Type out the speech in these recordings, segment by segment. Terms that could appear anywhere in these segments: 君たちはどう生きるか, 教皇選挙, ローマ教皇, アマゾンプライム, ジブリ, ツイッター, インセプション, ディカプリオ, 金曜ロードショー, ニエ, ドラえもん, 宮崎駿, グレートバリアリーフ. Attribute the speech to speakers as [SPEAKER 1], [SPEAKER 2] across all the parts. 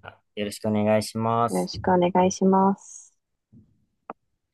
[SPEAKER 1] よろしくお願いしま
[SPEAKER 2] よろ
[SPEAKER 1] す。
[SPEAKER 2] しくお願いします。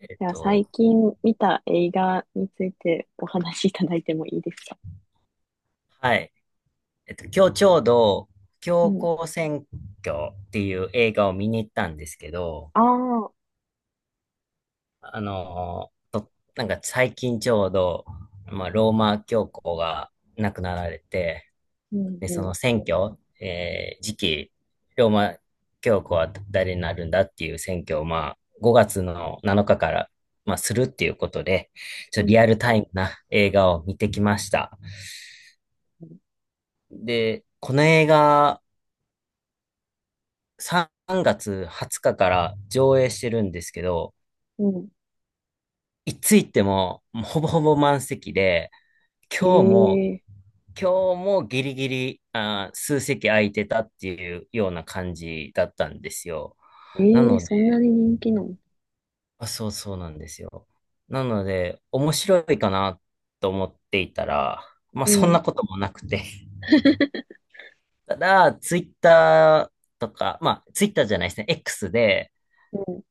[SPEAKER 1] えっ
[SPEAKER 2] では、
[SPEAKER 1] と、
[SPEAKER 2] 最近見た映画についてお話しいただいてもいいですか？
[SPEAKER 1] はい。今日ちょうど、
[SPEAKER 2] う
[SPEAKER 1] 教
[SPEAKER 2] ん。
[SPEAKER 1] 皇選挙っていう映画を見に行ったんですけど、
[SPEAKER 2] ああ、
[SPEAKER 1] あのーと、なんか最近ちょうど、まあ、ローマ教皇が亡くなられて、
[SPEAKER 2] うん、
[SPEAKER 1] で、そ
[SPEAKER 2] うん、
[SPEAKER 1] の選挙、次期、ローマ教皇は誰になるんだっていう選挙を、まあ、5月の7日から、まあ、するっていうことで、ちょ
[SPEAKER 2] う
[SPEAKER 1] っと
[SPEAKER 2] ん、
[SPEAKER 1] リアルタイムな映画を見てきました。で、この映画3月20日から上映してるんですけど、
[SPEAKER 2] うん。
[SPEAKER 1] いつ行ってももうほぼほぼ満席で、
[SPEAKER 2] え
[SPEAKER 1] 今日も、
[SPEAKER 2] ええ
[SPEAKER 1] 今日もギリギリ、数席空いてたっていうような感じだったんですよ。
[SPEAKER 2] ー
[SPEAKER 1] な
[SPEAKER 2] えー
[SPEAKER 1] ので、
[SPEAKER 2] そんなに人気なの？
[SPEAKER 1] あ、そうそうなんですよ。なので、面白いかなと思っていたら、まあ
[SPEAKER 2] う
[SPEAKER 1] そん
[SPEAKER 2] ん、
[SPEAKER 1] なこともなくて。ただ、ツイッターとか、まあツイッターじゃないですね、X で、
[SPEAKER 2] う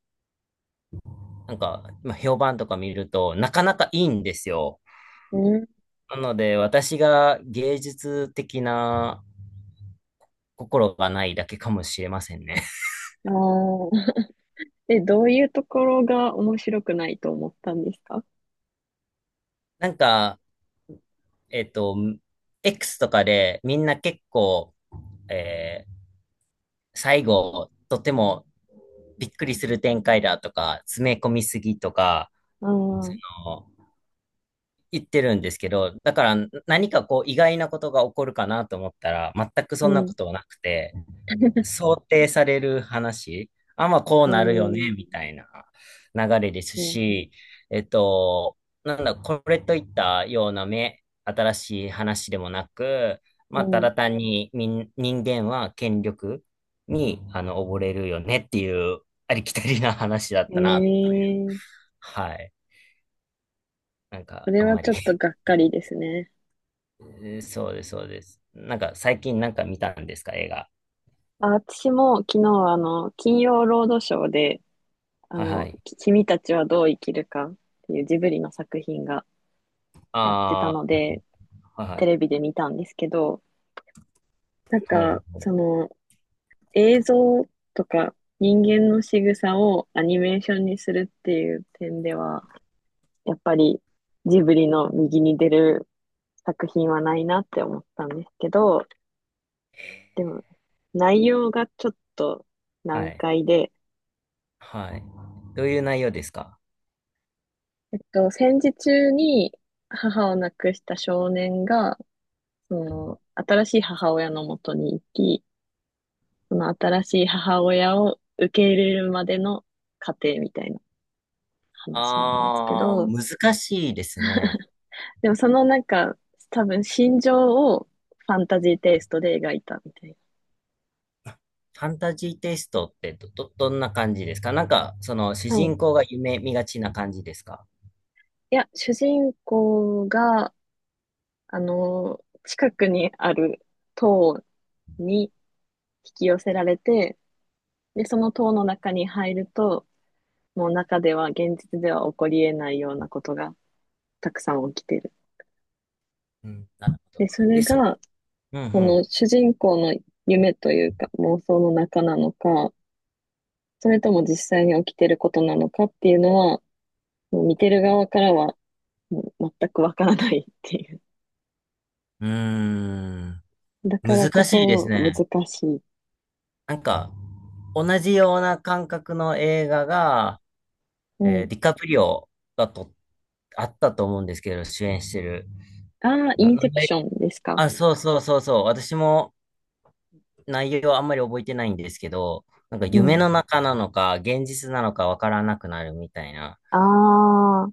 [SPEAKER 1] なんか、まあ、評判とか見ると、なかなかいいんですよ。
[SPEAKER 2] ん、う
[SPEAKER 1] なので、私が芸術的な心がないだけかもしれませんね。
[SPEAKER 2] ん。ああ。え、どういうところが面白くないと思ったんですか？
[SPEAKER 1] なんか、えっと、X とかでみんな結構、えー最後、とてもびっくりする展開だとか、詰め込みすぎとか、
[SPEAKER 2] ああー、
[SPEAKER 1] あの言ってるんですけど、だから何かこう意外なことが起こるかなと思ったら、全く
[SPEAKER 2] う
[SPEAKER 1] そんな
[SPEAKER 2] ん、
[SPEAKER 1] ことはなくて、想定される話、あ、まあこう
[SPEAKER 2] う
[SPEAKER 1] なるよね、
[SPEAKER 2] ん、
[SPEAKER 1] みたいな流れです
[SPEAKER 2] うん、
[SPEAKER 1] し、えっと、なんだ、これといったような目、新しい話でもなく、
[SPEAKER 2] う
[SPEAKER 1] まあた
[SPEAKER 2] ん。
[SPEAKER 1] だ単に人間は権力に、溺れるよねっていうありきたりな話だっ
[SPEAKER 2] え
[SPEAKER 1] たな。
[SPEAKER 2] えー、
[SPEAKER 1] はい。なん
[SPEAKER 2] そ
[SPEAKER 1] か、
[SPEAKER 2] れ
[SPEAKER 1] あん
[SPEAKER 2] は
[SPEAKER 1] ま
[SPEAKER 2] ち
[SPEAKER 1] り
[SPEAKER 2] ょっとが っかりですね。
[SPEAKER 1] そうです、そうです。なんか、最近なんか見たんですか、映画。
[SPEAKER 2] あ、私も昨日、金曜ロードショーで、
[SPEAKER 1] はいはい。
[SPEAKER 2] 君たちはどう生きるかっていうジブリの作品がやってたの
[SPEAKER 1] あ
[SPEAKER 2] で、
[SPEAKER 1] あ、はいは
[SPEAKER 2] テ
[SPEAKER 1] い。
[SPEAKER 2] レビで見たんですけど、なん
[SPEAKER 1] ほ
[SPEAKER 2] か、
[SPEAKER 1] うほう。
[SPEAKER 2] 映像とか人間の仕草をアニメーションにするっていう点では、やっぱりジブリの右に出る作品はないなって思ったんですけど、でも、内容がちょっと
[SPEAKER 1] は
[SPEAKER 2] 難
[SPEAKER 1] い。
[SPEAKER 2] 解で、
[SPEAKER 1] はい。どういう内容ですか？
[SPEAKER 2] 戦時中に母を亡くした少年が、その、新しい母親のもとに行き、その新しい母親を受け入れるまでの過程みたいな話なんですけど、
[SPEAKER 1] 難しいですね。
[SPEAKER 2] でもなんか、多分心情をファンタジーテイストで描いたみたい
[SPEAKER 1] ファンタジーテイストってどんな感じですか？なんか、その主
[SPEAKER 2] な。はい。
[SPEAKER 1] 人
[SPEAKER 2] い
[SPEAKER 1] 公が夢見がちな感じですか？
[SPEAKER 2] や、主人公が、近くにある塔に引き寄せられて、で、その塔の中に入ると、の中では現実では起こり得ないようなことがたくさん起きてる。
[SPEAKER 1] うん、なるほど。
[SPEAKER 2] で、それ
[SPEAKER 1] で、
[SPEAKER 2] が、
[SPEAKER 1] う
[SPEAKER 2] こ
[SPEAKER 1] ん
[SPEAKER 2] の主人公の夢というか妄想の中なのか、それとも実際に起きてることなのかっていうのは、もう見てる側からはもう全くわからないっていう。
[SPEAKER 1] うん。う
[SPEAKER 2] だ
[SPEAKER 1] ー
[SPEAKER 2] か
[SPEAKER 1] ん、
[SPEAKER 2] らこ
[SPEAKER 1] 難しいです
[SPEAKER 2] そ難
[SPEAKER 1] ね。
[SPEAKER 2] しい。
[SPEAKER 1] なんか、同じような感覚の映画が、
[SPEAKER 2] うん。
[SPEAKER 1] ディカプリオがと、あったと思うんですけど、主演してる。
[SPEAKER 2] ああ、
[SPEAKER 1] な、
[SPEAKER 2] イン
[SPEAKER 1] な
[SPEAKER 2] セ
[SPEAKER 1] ん
[SPEAKER 2] プシ
[SPEAKER 1] で、
[SPEAKER 2] ョンですか。
[SPEAKER 1] あ、そうそうそうそう。私も、内容はあんまり覚えてないんですけど、なんか
[SPEAKER 2] う
[SPEAKER 1] 夢
[SPEAKER 2] ん。
[SPEAKER 1] の中なのか、現実なのかわからなくなるみたいな。
[SPEAKER 2] ああ、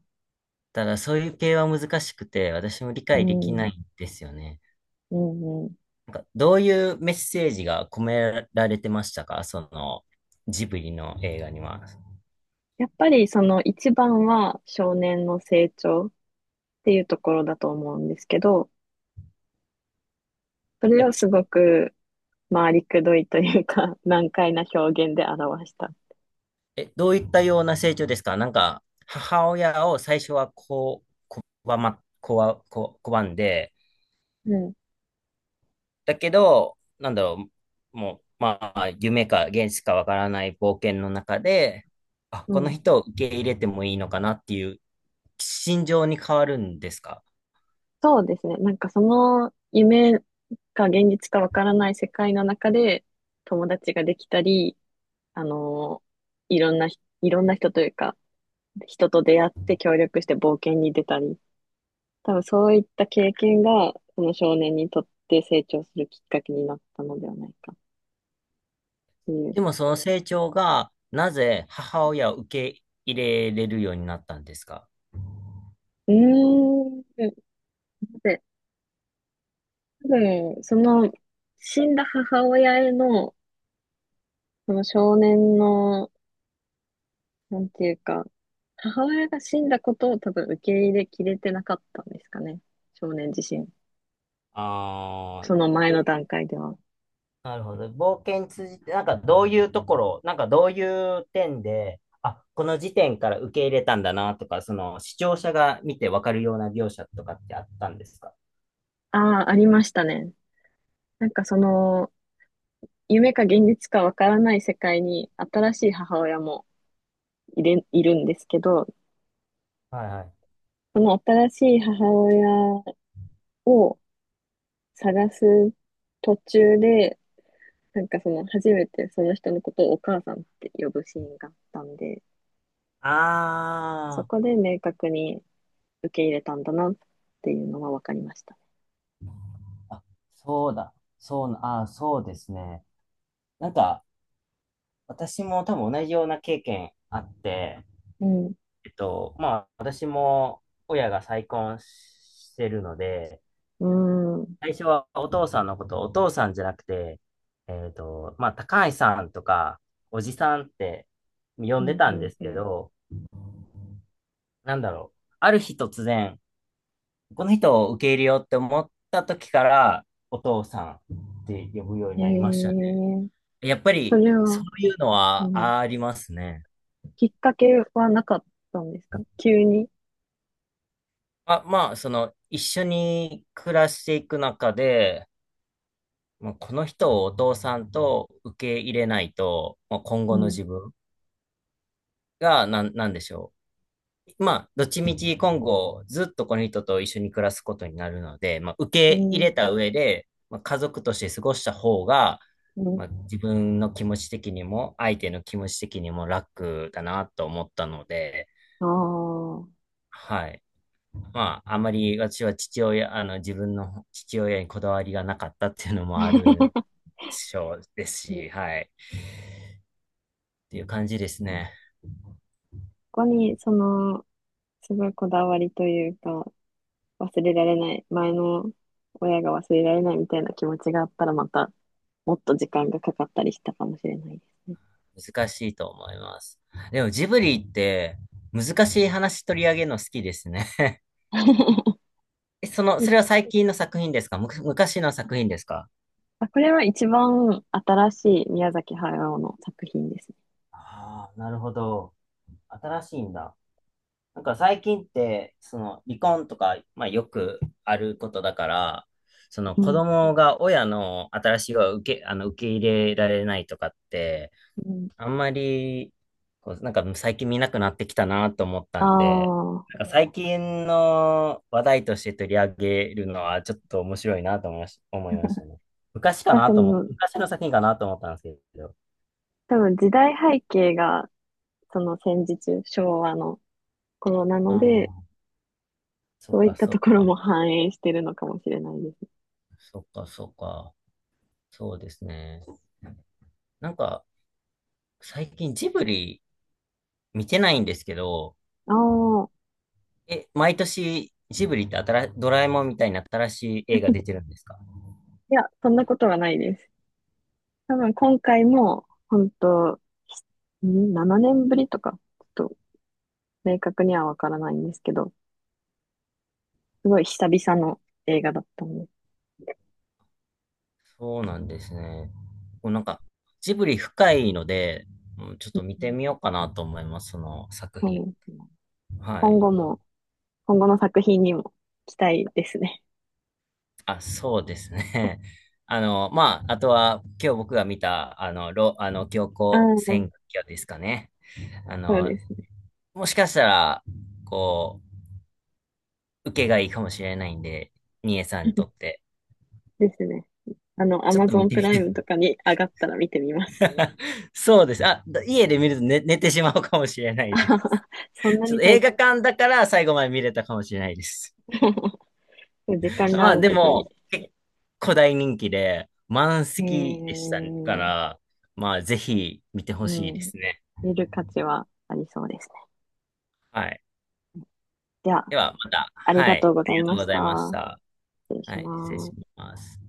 [SPEAKER 1] ただそういう系は難しくて、私も理
[SPEAKER 2] う
[SPEAKER 1] 解でき
[SPEAKER 2] ん、
[SPEAKER 1] ないんんですよね。
[SPEAKER 2] うん、うん。
[SPEAKER 1] なんかどういうメッセージが込められてましたか、そのジブリの映画には。
[SPEAKER 2] やっぱりその一番は少年の成長。っていうところだと思うんですけど、それ
[SPEAKER 1] え、
[SPEAKER 2] をすごく回りくどいというか、難解な表現で表した。
[SPEAKER 1] どういったような成長ですか？なんか母親を最初はこう、わま、こわ、こ、拒んで、
[SPEAKER 2] うん、
[SPEAKER 1] だけど、なんだろう、もう、まあ、夢か現実かわからない冒険の中で、あ、
[SPEAKER 2] う
[SPEAKER 1] この
[SPEAKER 2] ん。
[SPEAKER 1] 人を受け入れてもいいのかなっていう心情に変わるんですか？
[SPEAKER 2] そうですね。なんかその夢か現実かわからない世界の中で友達ができたり、あのいろんな人というか、人と出会って協力して冒険に出たり、多分そういった経験が、この少年にとって成長するきっかけになったのではないかっていう。
[SPEAKER 1] でもその成長が、なぜ母親を受け入れれるようになったんですか？
[SPEAKER 2] うーん。で、多分、死んだ母親への、その少年の、なんていうか、母親が死んだことを多分受け入れきれてなかったんですかね。少年自身。
[SPEAKER 1] ああ
[SPEAKER 2] その
[SPEAKER 1] ー、
[SPEAKER 2] 前の
[SPEAKER 1] で、
[SPEAKER 2] 段階では。
[SPEAKER 1] なるほど。冒険通じて、なんかどういうところ、なんかどういう点で、あ、この時点から受け入れたんだなとか、その視聴者が見てわかるような描写とかってあったんですか？
[SPEAKER 2] ああ、ありましたね。なんか夢か現実かわからない世界に新しい母親もいるんですけど、
[SPEAKER 1] はいはい。
[SPEAKER 2] その新しい母親を探す途中で、なんか初めてその人のことをお母さんって呼ぶシーンがあったんで、そ
[SPEAKER 1] あ
[SPEAKER 2] こで明確に受け入れたんだなっていうのは分かりました。
[SPEAKER 1] あ、あ、そうだ。そうな、ああ、そうですね。なんか、私も多分同じような経験あって、
[SPEAKER 2] うん。う
[SPEAKER 1] まあ、私も親が再婚してるので、
[SPEAKER 2] ーん。うん、
[SPEAKER 1] 最初はお父さんのことをお父さんじゃなくて、まあ、高橋さんとか、おじさんって呼
[SPEAKER 2] う
[SPEAKER 1] んで
[SPEAKER 2] ん、
[SPEAKER 1] たんですけ
[SPEAKER 2] う
[SPEAKER 1] ど、なんだろう。ある日突然、この人を受け入れようって思った時から、お父さんって呼ぶようになりまし
[SPEAKER 2] ん。
[SPEAKER 1] たね。
[SPEAKER 2] へえ。
[SPEAKER 1] やっぱ
[SPEAKER 2] そ
[SPEAKER 1] り、
[SPEAKER 2] れ
[SPEAKER 1] そ
[SPEAKER 2] は、
[SPEAKER 1] ういうの
[SPEAKER 2] う
[SPEAKER 1] は
[SPEAKER 2] ん。
[SPEAKER 1] ありますね。
[SPEAKER 2] きっかけはなかったんですか？急に。
[SPEAKER 1] あ、まあ、その、一緒に暮らしていく中で、まあ、この人をお父さんと受け入れないと、まあ、今
[SPEAKER 2] う
[SPEAKER 1] 後の
[SPEAKER 2] ん。
[SPEAKER 1] 自分が、なんでしょう。まあ、どっちみち今後ずっとこの人と一緒に暮らすことになるので、まあ、
[SPEAKER 2] う
[SPEAKER 1] 受け入
[SPEAKER 2] ん。
[SPEAKER 1] れた上で、まあ、家族として過ごした方が、
[SPEAKER 2] う
[SPEAKER 1] ま
[SPEAKER 2] ん。
[SPEAKER 1] あ、自分の気持ち的にも相手の気持ち的にも楽だなと思ったので、
[SPEAKER 2] ああ。
[SPEAKER 1] はい。まあ、あまり私は父親、あの、自分の父親にこだわりがなかったっていうのもある でしょうです
[SPEAKER 2] うん。
[SPEAKER 1] し、はい。っていう感じですね。
[SPEAKER 2] ここに、すごいこだわりというか、忘れられない、前の親が忘れられないみたいな気持ちがあったら、またもっと時間がかかったりしたかもしれないですね。
[SPEAKER 1] 難しいと思います。でもジブリって難しい話取り上げるの好きですね。その、
[SPEAKER 2] で、
[SPEAKER 1] それは最近の作品ですか？昔の作品ですか？
[SPEAKER 2] あ、これは一番新しい宮崎駿の作品ですね。
[SPEAKER 1] ああ、なるほど。新しいんだ。なんか最近って、その離婚とか、まあよくあることだから、その
[SPEAKER 2] う
[SPEAKER 1] 子
[SPEAKER 2] ん。
[SPEAKER 1] 供が親の新しいを受け入れられないとかって、
[SPEAKER 2] うん。
[SPEAKER 1] あんまり、こう、なんか最近見なくなってきたなと思った
[SPEAKER 2] あ
[SPEAKER 1] んで、
[SPEAKER 2] あ、
[SPEAKER 1] なんか最近の話題として取り上げるのはちょっと面白いなと思いましたね。昔か
[SPEAKER 2] だか
[SPEAKER 1] な
[SPEAKER 2] ら
[SPEAKER 1] と思って昔の作品かなと思ったんですけど。
[SPEAKER 2] 多分時代背景がその戦時中、昭和の頃な
[SPEAKER 1] あ
[SPEAKER 2] ので、
[SPEAKER 1] あ、そ
[SPEAKER 2] そ
[SPEAKER 1] っ
[SPEAKER 2] ういっ
[SPEAKER 1] か
[SPEAKER 2] た
[SPEAKER 1] そ
[SPEAKER 2] と
[SPEAKER 1] っ
[SPEAKER 2] ころも
[SPEAKER 1] か。
[SPEAKER 2] 反映してるのかもしれないです。
[SPEAKER 1] そっかそっか。そうですね。なんか最近ジブリ見てないんですけど、
[SPEAKER 2] ああ、
[SPEAKER 1] 毎年ジブリってドラえもんみたいな新しい映画出てるんですか？
[SPEAKER 2] いや、そんなことはないです。多分今回も、本当7年ぶりとか、ちょっと明確にはわからないんですけど、すごい久々の映画だったんで、
[SPEAKER 1] そうなんですね。もうなんか、ジブリ深いので、うん、ちょっと見てみようかなと思います、その作
[SPEAKER 2] う
[SPEAKER 1] 品。
[SPEAKER 2] ん、
[SPEAKER 1] は
[SPEAKER 2] 今
[SPEAKER 1] い。
[SPEAKER 2] 後も、今後の作品にも期待ですね。
[SPEAKER 1] あ、そうですね。あの、まあ、あとは、今日僕が見た、あの、教
[SPEAKER 2] あ
[SPEAKER 1] 皇選
[SPEAKER 2] あ、
[SPEAKER 1] 挙ですかね。あ
[SPEAKER 2] そう
[SPEAKER 1] の、
[SPEAKER 2] ですね。
[SPEAKER 1] もしかしたら、こう、受けがいいかもしれないんで、ニエさんにとって。
[SPEAKER 2] ですね。ア
[SPEAKER 1] ちょっ
[SPEAKER 2] マ
[SPEAKER 1] と
[SPEAKER 2] ゾ
[SPEAKER 1] 見
[SPEAKER 2] ン
[SPEAKER 1] て
[SPEAKER 2] プ
[SPEAKER 1] み
[SPEAKER 2] ライ
[SPEAKER 1] て。
[SPEAKER 2] ムとかに上がったら見てみます。
[SPEAKER 1] そうです。あ、家で見ると寝てしまうかもしれな
[SPEAKER 2] あ
[SPEAKER 1] いで
[SPEAKER 2] は
[SPEAKER 1] す。
[SPEAKER 2] は、そん な
[SPEAKER 1] ちょ
[SPEAKER 2] に
[SPEAKER 1] っと
[SPEAKER 2] 退
[SPEAKER 1] 映
[SPEAKER 2] 屈？
[SPEAKER 1] 画館だから最後まで見れたかもしれないです。
[SPEAKER 2] 時 間が
[SPEAKER 1] ま
[SPEAKER 2] あ
[SPEAKER 1] あ、
[SPEAKER 2] る
[SPEAKER 1] で
[SPEAKER 2] ときに、
[SPEAKER 1] も、結構大人気で、満
[SPEAKER 2] え
[SPEAKER 1] 席でしたか
[SPEAKER 2] ー、
[SPEAKER 1] ら、まあ、ぜひ見てほしい
[SPEAKER 2] う
[SPEAKER 1] で
[SPEAKER 2] ん、
[SPEAKER 1] すね。
[SPEAKER 2] 見る価値はありそうですね。
[SPEAKER 1] はい。
[SPEAKER 2] では、
[SPEAKER 1] では、また、
[SPEAKER 2] あり
[SPEAKER 1] は
[SPEAKER 2] がと
[SPEAKER 1] い。
[SPEAKER 2] う
[SPEAKER 1] あ
[SPEAKER 2] ござ
[SPEAKER 1] り
[SPEAKER 2] い
[SPEAKER 1] がと
[SPEAKER 2] ま
[SPEAKER 1] うご
[SPEAKER 2] し
[SPEAKER 1] ざ
[SPEAKER 2] た。
[SPEAKER 1] いました。
[SPEAKER 2] 失礼
[SPEAKER 1] は
[SPEAKER 2] し
[SPEAKER 1] い。失礼
[SPEAKER 2] ま
[SPEAKER 1] し
[SPEAKER 2] す。
[SPEAKER 1] ます。